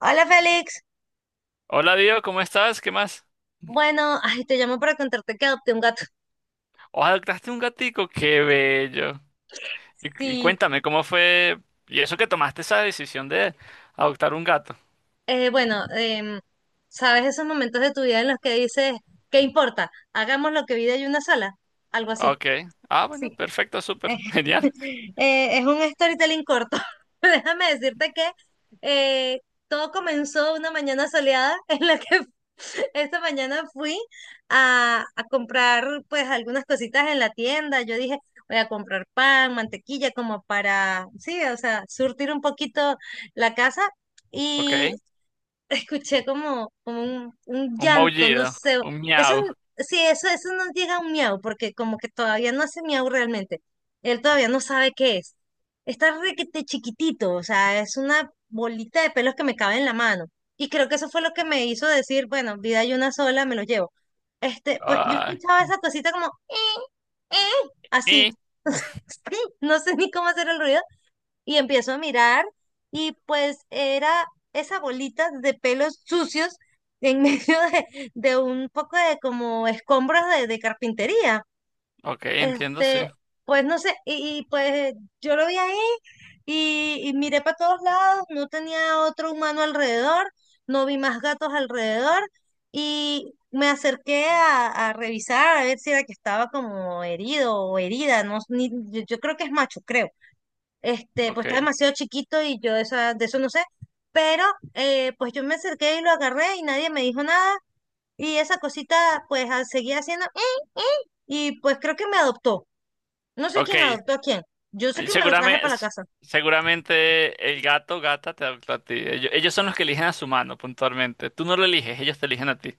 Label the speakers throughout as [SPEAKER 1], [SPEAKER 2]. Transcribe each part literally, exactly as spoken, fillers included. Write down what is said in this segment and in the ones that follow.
[SPEAKER 1] Hola Félix,
[SPEAKER 2] Hola Dios, ¿cómo estás? ¿Qué más?
[SPEAKER 1] bueno, ay, te llamo para contarte que adopté un gato.
[SPEAKER 2] O adoptaste un gatico, qué bello. Y, y
[SPEAKER 1] Sí.
[SPEAKER 2] cuéntame, ¿cómo fue? ¿Y eso que tomaste esa decisión de adoptar un gato?
[SPEAKER 1] Eh, bueno, em, ¿sabes esos momentos de tu vida en los que dices, ¿qué importa? Hagamos lo que vida hay una sola, algo así.
[SPEAKER 2] Ok. Ah, bueno,
[SPEAKER 1] Sí.
[SPEAKER 2] perfecto, súper. Genial.
[SPEAKER 1] Eh, es un storytelling corto. Déjame decirte que eh, todo comenzó una mañana soleada en la que esta mañana fui a, a comprar pues algunas cositas en la tienda. Yo dije, voy a comprar pan, mantequilla, como para, sí, o sea, surtir un poquito la casa.
[SPEAKER 2] Ok.
[SPEAKER 1] Escuché como, como un, un
[SPEAKER 2] Un
[SPEAKER 1] llanto, no
[SPEAKER 2] maullido,
[SPEAKER 1] sé.
[SPEAKER 2] un
[SPEAKER 1] Eso,
[SPEAKER 2] miau.
[SPEAKER 1] sí, eso, eso no llega a un miau, porque como que todavía no hace miau realmente. Él todavía no sabe qué es. Está requete chiquitito, o sea, es una bolita de pelos que me cabe en la mano. Y creo que eso fue lo que me hizo decir, bueno, vida hay una sola, me lo llevo. Este, pues yo
[SPEAKER 2] Ay.
[SPEAKER 1] escuchaba esa cosita como, "Eh, eh", así.
[SPEAKER 2] Y,
[SPEAKER 1] No sé ni cómo hacer el ruido y empiezo a mirar, y pues era esa bolita de pelos sucios en medio de, de un poco de como escombros de, de carpintería.
[SPEAKER 2] ok, entiendo, sí.
[SPEAKER 1] Este, pues no sé, y, y, pues yo lo vi ahí y, y miré para todos lados, no tenía otro humano alrededor, no vi más gatos alrededor, y me acerqué a, a revisar a ver si era que estaba como herido o herida, no, s- ni- yo yo creo que es macho, creo. Este, pues
[SPEAKER 2] Ok,
[SPEAKER 1] está demasiado chiquito y yo de, esa- de eso no sé. Pero eh, pues yo me acerqué y lo agarré y nadie me dijo nada. Y esa cosita pues ah, seguía haciendo... "Eh, eh". Y pues creo que me adoptó. No sé
[SPEAKER 2] ok.
[SPEAKER 1] quién adoptó a quién. Yo sé que me lo traje
[SPEAKER 2] Seguramente,
[SPEAKER 1] para la casa.
[SPEAKER 2] seguramente el gato, gata te adoptó a ti. Ellos, ellos son los que eligen a su mano, puntualmente. Tú no lo eliges, ellos te eligen a ti.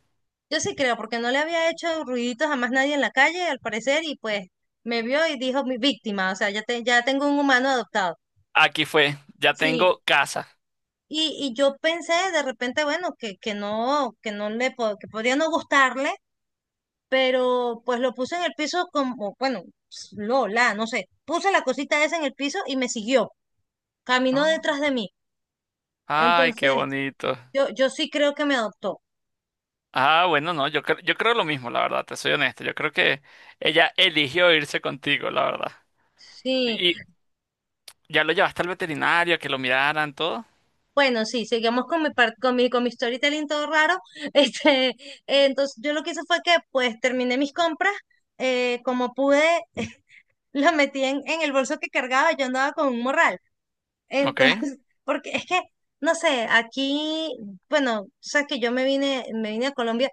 [SPEAKER 1] Yo sí creo, porque no le había hecho ruiditos a más nadie en la calle, al parecer, y pues me vio y dijo mi víctima. O sea, ya, te- ya tengo un humano adoptado.
[SPEAKER 2] Aquí fue, ya
[SPEAKER 1] Sí.
[SPEAKER 2] tengo casa.
[SPEAKER 1] Y, y yo pensé de repente, bueno, que, que no, que no le po- que podría no gustarle, pero pues lo puse en el piso como, bueno, lo, la, no sé, puse la cosita esa en el piso y me siguió, caminó
[SPEAKER 2] No.
[SPEAKER 1] detrás de mí.
[SPEAKER 2] Ay, qué
[SPEAKER 1] Entonces,
[SPEAKER 2] bonito.
[SPEAKER 1] yo, yo sí creo que me adoptó.
[SPEAKER 2] Ah, bueno, no, yo creo, yo creo lo mismo, la verdad, te soy honesto. Yo creo que ella eligió irse contigo, la verdad.
[SPEAKER 1] Sí,
[SPEAKER 2] Y ya lo llevaste al veterinario, a que lo miraran, todo.
[SPEAKER 1] bueno, sí, seguimos con mi, par- con mi, con mi storytelling todo raro. Este, eh, entonces, yo lo que hice fue que pues terminé mis compras, eh, como pude, lo metí en, en el bolso que cargaba, yo andaba con un morral.
[SPEAKER 2] Ok. Eh,
[SPEAKER 1] Entonces, porque es que, no sé, aquí, bueno, tú sabes que yo me vine, me vine a Colombia,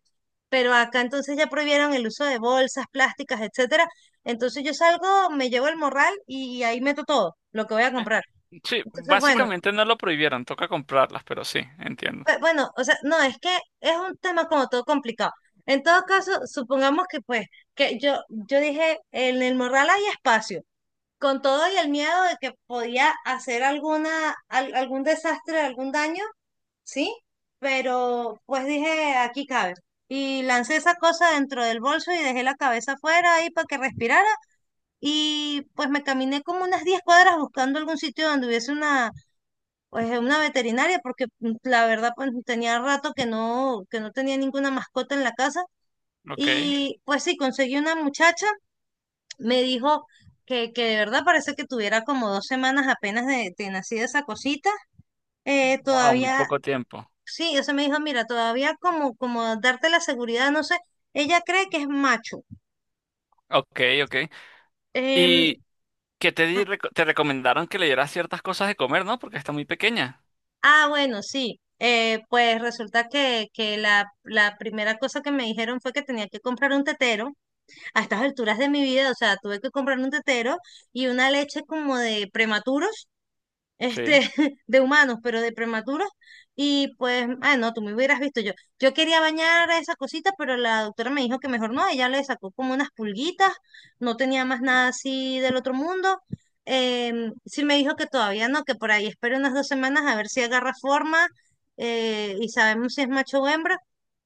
[SPEAKER 1] pero acá entonces ya prohibieron el uso de bolsas plásticas, etcétera. Entonces yo salgo, me llevo el morral y ahí meto todo lo que voy a comprar.
[SPEAKER 2] Sí,
[SPEAKER 1] Entonces, bueno,
[SPEAKER 2] básicamente no lo prohibieron, toca comprarlas, pero sí, entiendo.
[SPEAKER 1] pe- bueno, o sea, no, es que es un tema como todo complicado. En todo caso, supongamos que pues, que yo, yo dije, en el morral hay espacio con todo y el miedo de que podía hacer alguna, al- algún desastre, algún daño, ¿sí? Pero pues dije, aquí cabe. Y lancé esa cosa dentro del bolso y dejé la cabeza afuera ahí para que respirara. Y pues me caminé como unas diez cuadras buscando algún sitio donde hubiese una, pues, una veterinaria, porque mm, la verdad pues tenía rato que no, que no tenía ninguna mascota en la casa.
[SPEAKER 2] Ok.
[SPEAKER 1] Y pues sí, conseguí una muchacha, me dijo que, que de verdad parece que tuviera como dos semanas apenas de, de nacida esa cosita. Eh,
[SPEAKER 2] Wow, muy
[SPEAKER 1] todavía.
[SPEAKER 2] poco tiempo.
[SPEAKER 1] Sí, ella me dijo, mira, todavía como, como darte la seguridad, no sé, ella cree que es macho.
[SPEAKER 2] Ok, ok.
[SPEAKER 1] Em,
[SPEAKER 2] ¿Y que te
[SPEAKER 1] ah,
[SPEAKER 2] di- reco- te recomendaron que le dieras ciertas cosas de comer, ¿no? Porque está muy pequeña.
[SPEAKER 1] ah, bueno, sí. Eh, pues resulta que, que la, la primera cosa que me dijeron fue que tenía que comprar un tetero. A estas alturas de mi vida, o sea, tuve que comprar un tetero y una leche como de prematuros,
[SPEAKER 2] Sí.
[SPEAKER 1] este, de humanos, pero de prematuros. Y pues, ah, no, tú me hubieras visto yo. Yo quería bañar a esa cosita, pero la doctora me dijo que mejor no. Ella le sacó como unas pulguitas, no tenía más nada así del otro mundo. Em, sí me dijo que todavía no, que por ahí espero unas dos semanas a ver si agarra forma, eh, y sabemos si es macho o hembra.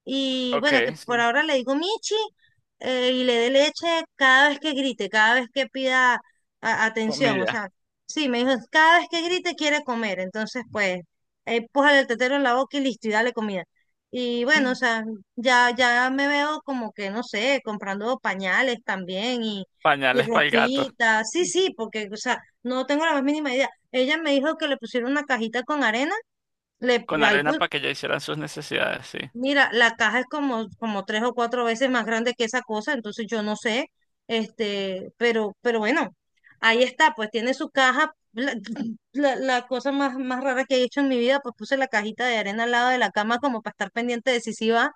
[SPEAKER 1] Y
[SPEAKER 2] Ok,
[SPEAKER 1] bueno, que por
[SPEAKER 2] sí.
[SPEAKER 1] ahora le digo Michi. Eh, y le dé leche cada vez que grite, cada vez que pida a- atención. O
[SPEAKER 2] Comida.
[SPEAKER 1] sea, sí, me dijo, cada vez que grite quiere comer, entonces pues, eh, pójale el tetero en la boca y listo, y dale comida. Y bueno, o sea, ya, ya me veo como que, no sé, comprando pañales también y, y
[SPEAKER 2] Pañales para el gato.
[SPEAKER 1] ropita, sí, sí, porque, o sea, no tengo la más mínima idea. Ella me dijo que le pusieron una cajita con arena, le,
[SPEAKER 2] Con
[SPEAKER 1] ahí
[SPEAKER 2] arena
[SPEAKER 1] pu-
[SPEAKER 2] para que ellos hicieran sus necesidades, sí.
[SPEAKER 1] mira, la caja es como, como tres o cuatro veces más grande que esa cosa, entonces yo no sé, este, pero, pero bueno, ahí está, pues tiene su caja. La, la- la cosa más, más rara que he hecho en mi vida, pues puse la cajita de arena al lado de la cama como para estar pendiente de si sí va.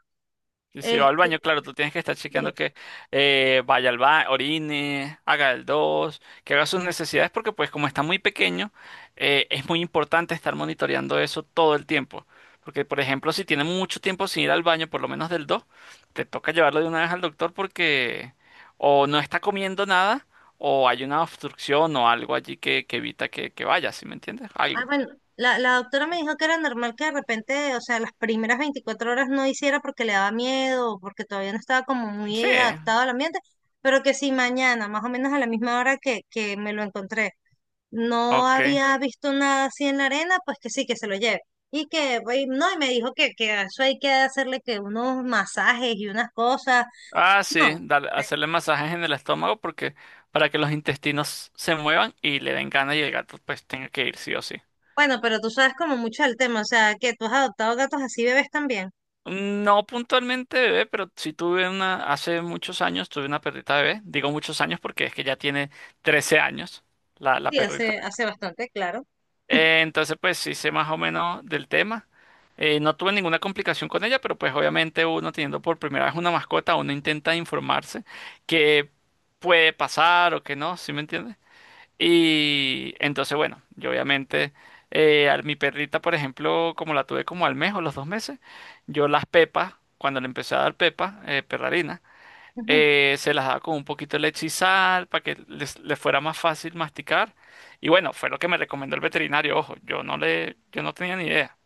[SPEAKER 2] Y si va al baño,
[SPEAKER 1] Este,
[SPEAKER 2] claro, tú tienes que estar chequeando
[SPEAKER 1] sí.
[SPEAKER 2] que eh, vaya al baño, orine, haga el dos, que haga sus necesidades, porque pues como está muy pequeño, eh, es muy importante estar monitoreando eso todo el tiempo. Porque, por ejemplo, si tiene mucho tiempo sin ir al baño, por lo menos del dos, te toca llevarlo de una vez al doctor porque o no está comiendo nada, o hay una obstrucción o algo allí que, que evita que, que vaya, ¿sí me entiendes?
[SPEAKER 1] Ah,
[SPEAKER 2] Algo.
[SPEAKER 1] bueno, la, la doctora me dijo que era normal que de repente, o sea, las primeras veinticuatro horas no hiciera porque le daba miedo, porque todavía no estaba como
[SPEAKER 2] Sí,
[SPEAKER 1] muy adaptado al ambiente, pero que sí mañana, más o menos a la misma hora que, que me lo encontré, no
[SPEAKER 2] ok.
[SPEAKER 1] había visto nada así en la arena, pues que sí, que se lo lleve. Y que, y no, y me dijo que, que a eso hay que hacerle que unos masajes y unas cosas.
[SPEAKER 2] Ah, sí,
[SPEAKER 1] No.
[SPEAKER 2] dale-
[SPEAKER 1] Eh,
[SPEAKER 2] hacerle masajes en el estómago porque para que los intestinos se muevan y le den ganas y el gato pues tenga que ir sí o sí.
[SPEAKER 1] bueno, pero tú sabes como mucho del tema, o sea, que tú has adoptado gatos así bebés también.
[SPEAKER 2] No puntualmente bebé, pero sí tuve una, hace muchos años tuve una perrita bebé. Digo muchos años porque es que ya tiene trece años la, la
[SPEAKER 1] Sí, hace,
[SPEAKER 2] perrita.
[SPEAKER 1] hace bastante, claro.
[SPEAKER 2] Eh, entonces pues sí sé más o menos del tema. Eh, no tuve ninguna complicación con ella, pero pues obviamente uno teniendo por primera vez una mascota, uno intenta informarse qué puede pasar o qué no, ¿sí me entiendes? Y entonces, bueno, yo obviamente, eh, a mi perrita, por ejemplo, como la tuve como al mes o los dos meses, yo las pepas, cuando le empecé a dar pepas, eh, perrarina,
[SPEAKER 1] Ujú.
[SPEAKER 2] eh, se las daba con un poquito de leche y sal para que les, les fuera más fácil masticar. Y bueno, fue lo que me recomendó el veterinario. Ojo, yo no le, yo no tenía ni idea,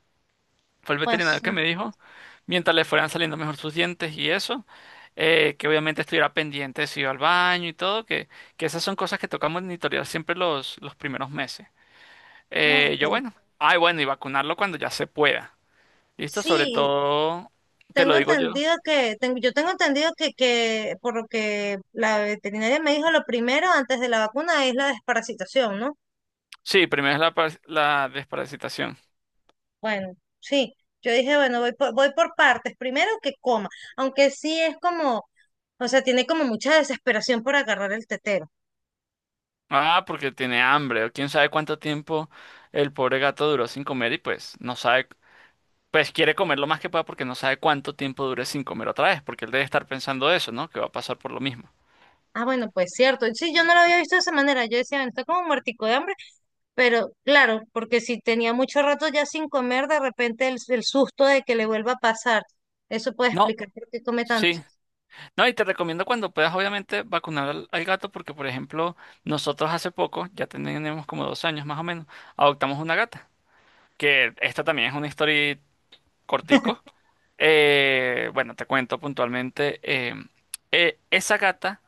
[SPEAKER 2] fue el
[SPEAKER 1] Pues
[SPEAKER 2] veterinario
[SPEAKER 1] sí.
[SPEAKER 2] que me dijo, mientras le fueran saliendo mejor sus dientes y eso, eh, que obviamente estuviera pendiente de si iba al baño y todo, que, que esas son cosas que toca monitorear siempre los, los primeros meses.
[SPEAKER 1] Ah,
[SPEAKER 2] Eh, yo,
[SPEAKER 1] ok.
[SPEAKER 2] bueno, ay, bueno, Y vacunarlo cuando ya se pueda. ¿Listo? Sobre
[SPEAKER 1] Sí,
[SPEAKER 2] todo, te lo
[SPEAKER 1] tengo
[SPEAKER 2] digo yo.
[SPEAKER 1] entendido que, tengo, yo tengo entendido que, que por lo que la veterinaria me dijo, lo primero antes de la vacuna es la desparasitación, ¿no?
[SPEAKER 2] Sí, primero es la, par- la desparasitación.
[SPEAKER 1] Bueno, sí, yo dije, bueno, voy por, voy por partes. Primero que coma, aunque sí es como, o sea, tiene como mucha desesperación por agarrar el tetero.
[SPEAKER 2] Ah, porque tiene hambre, o quién sabe cuánto tiempo el pobre gato duró sin comer y pues no sabe, pues quiere comer lo más que pueda porque no sabe cuánto tiempo dure sin comer otra vez, porque él debe estar pensando eso, ¿no? Que va a pasar por lo mismo.
[SPEAKER 1] Ah, bueno, pues cierto. Sí, yo no lo había visto de esa manera. Yo decía, bueno, está como muertico de hambre, pero claro, porque si tenía mucho rato ya sin comer, de repente el, el susto de que le vuelva a pasar. Eso puede
[SPEAKER 2] No,
[SPEAKER 1] explicar por qué come tanto.
[SPEAKER 2] sí. No, y te recomiendo cuando puedas, obviamente, vacunar al, al gato porque, por ejemplo, nosotros hace poco, ya tenemos como dos años más o menos, adoptamos una gata, que esta también es una historia cortico. Eh, bueno, te cuento puntualmente, eh, eh, esa gata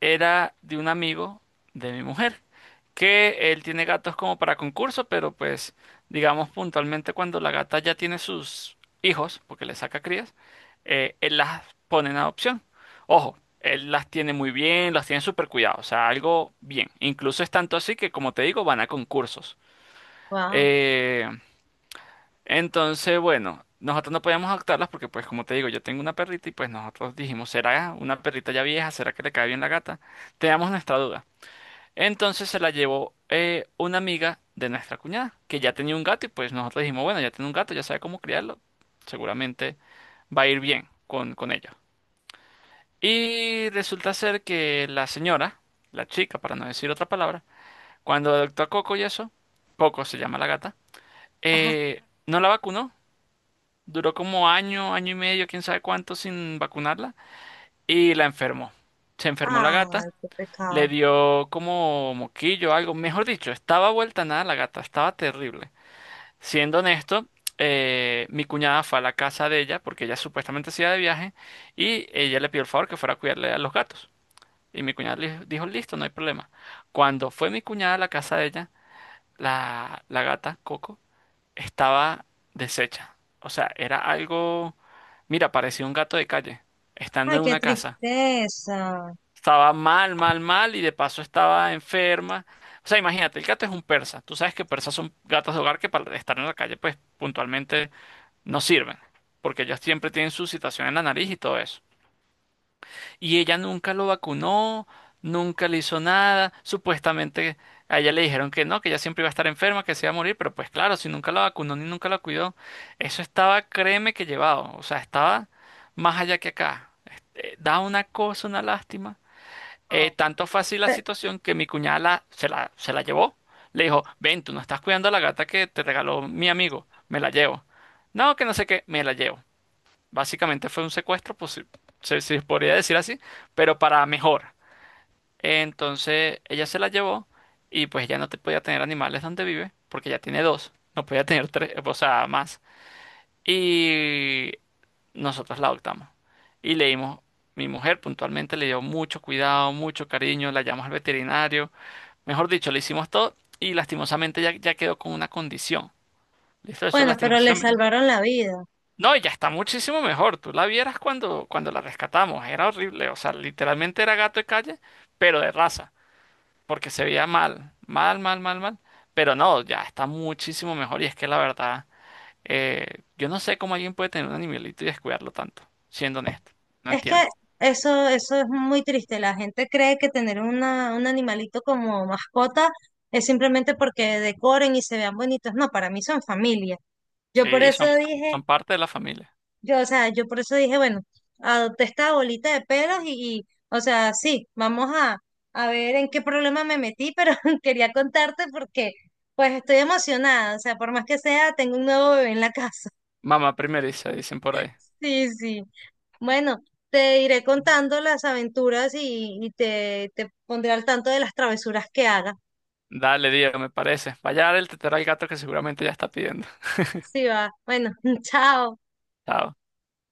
[SPEAKER 2] era de un amigo de mi mujer, que él tiene gatos como para concurso, pero pues digamos puntualmente cuando la gata ya tiene sus hijos, porque le saca crías, eh, él las pone en adopción. Ojo, él las tiene muy bien, las tiene súper cuidado, o sea, algo bien. Incluso es tanto así que, como te digo, van a concursos.
[SPEAKER 1] Wow.
[SPEAKER 2] Eh, entonces, bueno, nosotros no podíamos adoptarlas porque, pues, como te digo, yo tengo una perrita y pues nosotros dijimos, ¿será una perrita ya vieja? ¿Será que le cae bien la gata? Teníamos nuestra duda. Entonces se la llevó eh, una amiga de nuestra cuñada, que ya tenía un gato y pues nosotros dijimos, bueno, ya tiene un gato, ya sabe cómo criarlo, seguramente va a ir bien con, con ello. Y resulta ser que la señora, la chica, para no decir otra palabra, cuando adoptó a Coco y eso, Coco se llama la gata,
[SPEAKER 1] Ajá.
[SPEAKER 2] eh, no la vacunó, duró como año, año y medio, quién sabe cuánto sin vacunarla, y la enfermó. Se enfermó la gata.
[SPEAKER 1] Ay, qué
[SPEAKER 2] Le
[SPEAKER 1] pecado.
[SPEAKER 2] dio como moquillo, o algo. Mejor dicho, estaba vuelta a nada la gata, estaba terrible. Siendo honesto, eh, mi cuñada fue a la casa de ella, porque ella supuestamente se iba de viaje, y ella le pidió el favor que fuera a cuidarle a los gatos. Y mi cuñada le dijo, listo, no hay problema. Cuando fue mi cuñada a la casa de ella, la, la gata, Coco, estaba deshecha. O sea, era algo, mira, parecía un gato de calle, estando
[SPEAKER 1] Ay,
[SPEAKER 2] en
[SPEAKER 1] qué
[SPEAKER 2] una casa.
[SPEAKER 1] tristeza.
[SPEAKER 2] Estaba mal, mal, mal y de paso estaba enferma. O sea, imagínate, el gato es un persa. Tú sabes que persas son gatos de hogar que para estar en la calle, pues puntualmente no sirven, porque ellos siempre tienen su situación en la nariz y todo eso. Y ella nunca lo vacunó, nunca le hizo nada. Supuestamente a ella le dijeron que no, que ella siempre iba a estar enferma, que se iba a morir, pero pues claro, si nunca la vacunó ni nunca la cuidó, eso estaba, créeme que llevado. O sea, estaba más allá que acá. Este, da una cosa, una lástima.
[SPEAKER 1] Ah,
[SPEAKER 2] Eh, tanto fue así la
[SPEAKER 1] pe-
[SPEAKER 2] situación que mi cuñada la- se la, se la llevó. Le dijo, ven, tú no estás cuidando a la gata que te regaló mi amigo, me la llevo. No, que no sé qué, me la llevo. Básicamente fue un secuestro, pues sí, se, si se podría decir así, pero para mejor. Entonces ella se la llevó y pues ya no te podía tener animales donde vive, porque ya tiene dos, no podía tener tres, o sea, más. Y nosotros la adoptamos. Y le dimos, mi mujer puntualmente le dio mucho cuidado, mucho cariño, la llamamos al veterinario, mejor dicho, le hicimos todo y lastimosamente ya, ya quedó con una condición. ¿Listo? Eso
[SPEAKER 1] bueno, pero le
[SPEAKER 2] lastimosamente.
[SPEAKER 1] salvaron la vida.
[SPEAKER 2] No, ya está muchísimo mejor. Tú la vieras cuando, cuando la rescatamos. Era horrible. O sea, literalmente era gato de calle, pero de raza. Porque se veía mal. Mal, mal, mal, mal. Pero no, ya está muchísimo mejor. Y es que la verdad. Eh, yo no sé cómo alguien puede tener un animalito y descuidarlo tanto, siendo honesto. No
[SPEAKER 1] Es que
[SPEAKER 2] entiendo.
[SPEAKER 1] eso, eso es muy triste. La gente cree que tener una, un animalito como mascota es simplemente porque decoren y se vean bonitos. No, para mí son familia. Yo por
[SPEAKER 2] Sí, son,
[SPEAKER 1] eso dije,
[SPEAKER 2] son parte de la familia.
[SPEAKER 1] yo, o sea, yo por eso dije, bueno, adopté esta bolita de pelos y, y, o sea, sí, vamos a, a ver en qué problema me metí, pero quería contarte porque, pues, estoy emocionada. O sea, por más que sea, tengo un nuevo bebé en la casa.
[SPEAKER 2] Mamá primeriza, dicen por ahí.
[SPEAKER 1] Sí, sí. Bueno, te iré contando las aventuras y, y te, te pondré al tanto de las travesuras que haga.
[SPEAKER 2] Dale, Diego, me parece. Vaya a dar el tetero al gato que seguramente ya está pidiendo.
[SPEAKER 1] Sí, va. Bueno, chao.
[SPEAKER 2] Chao.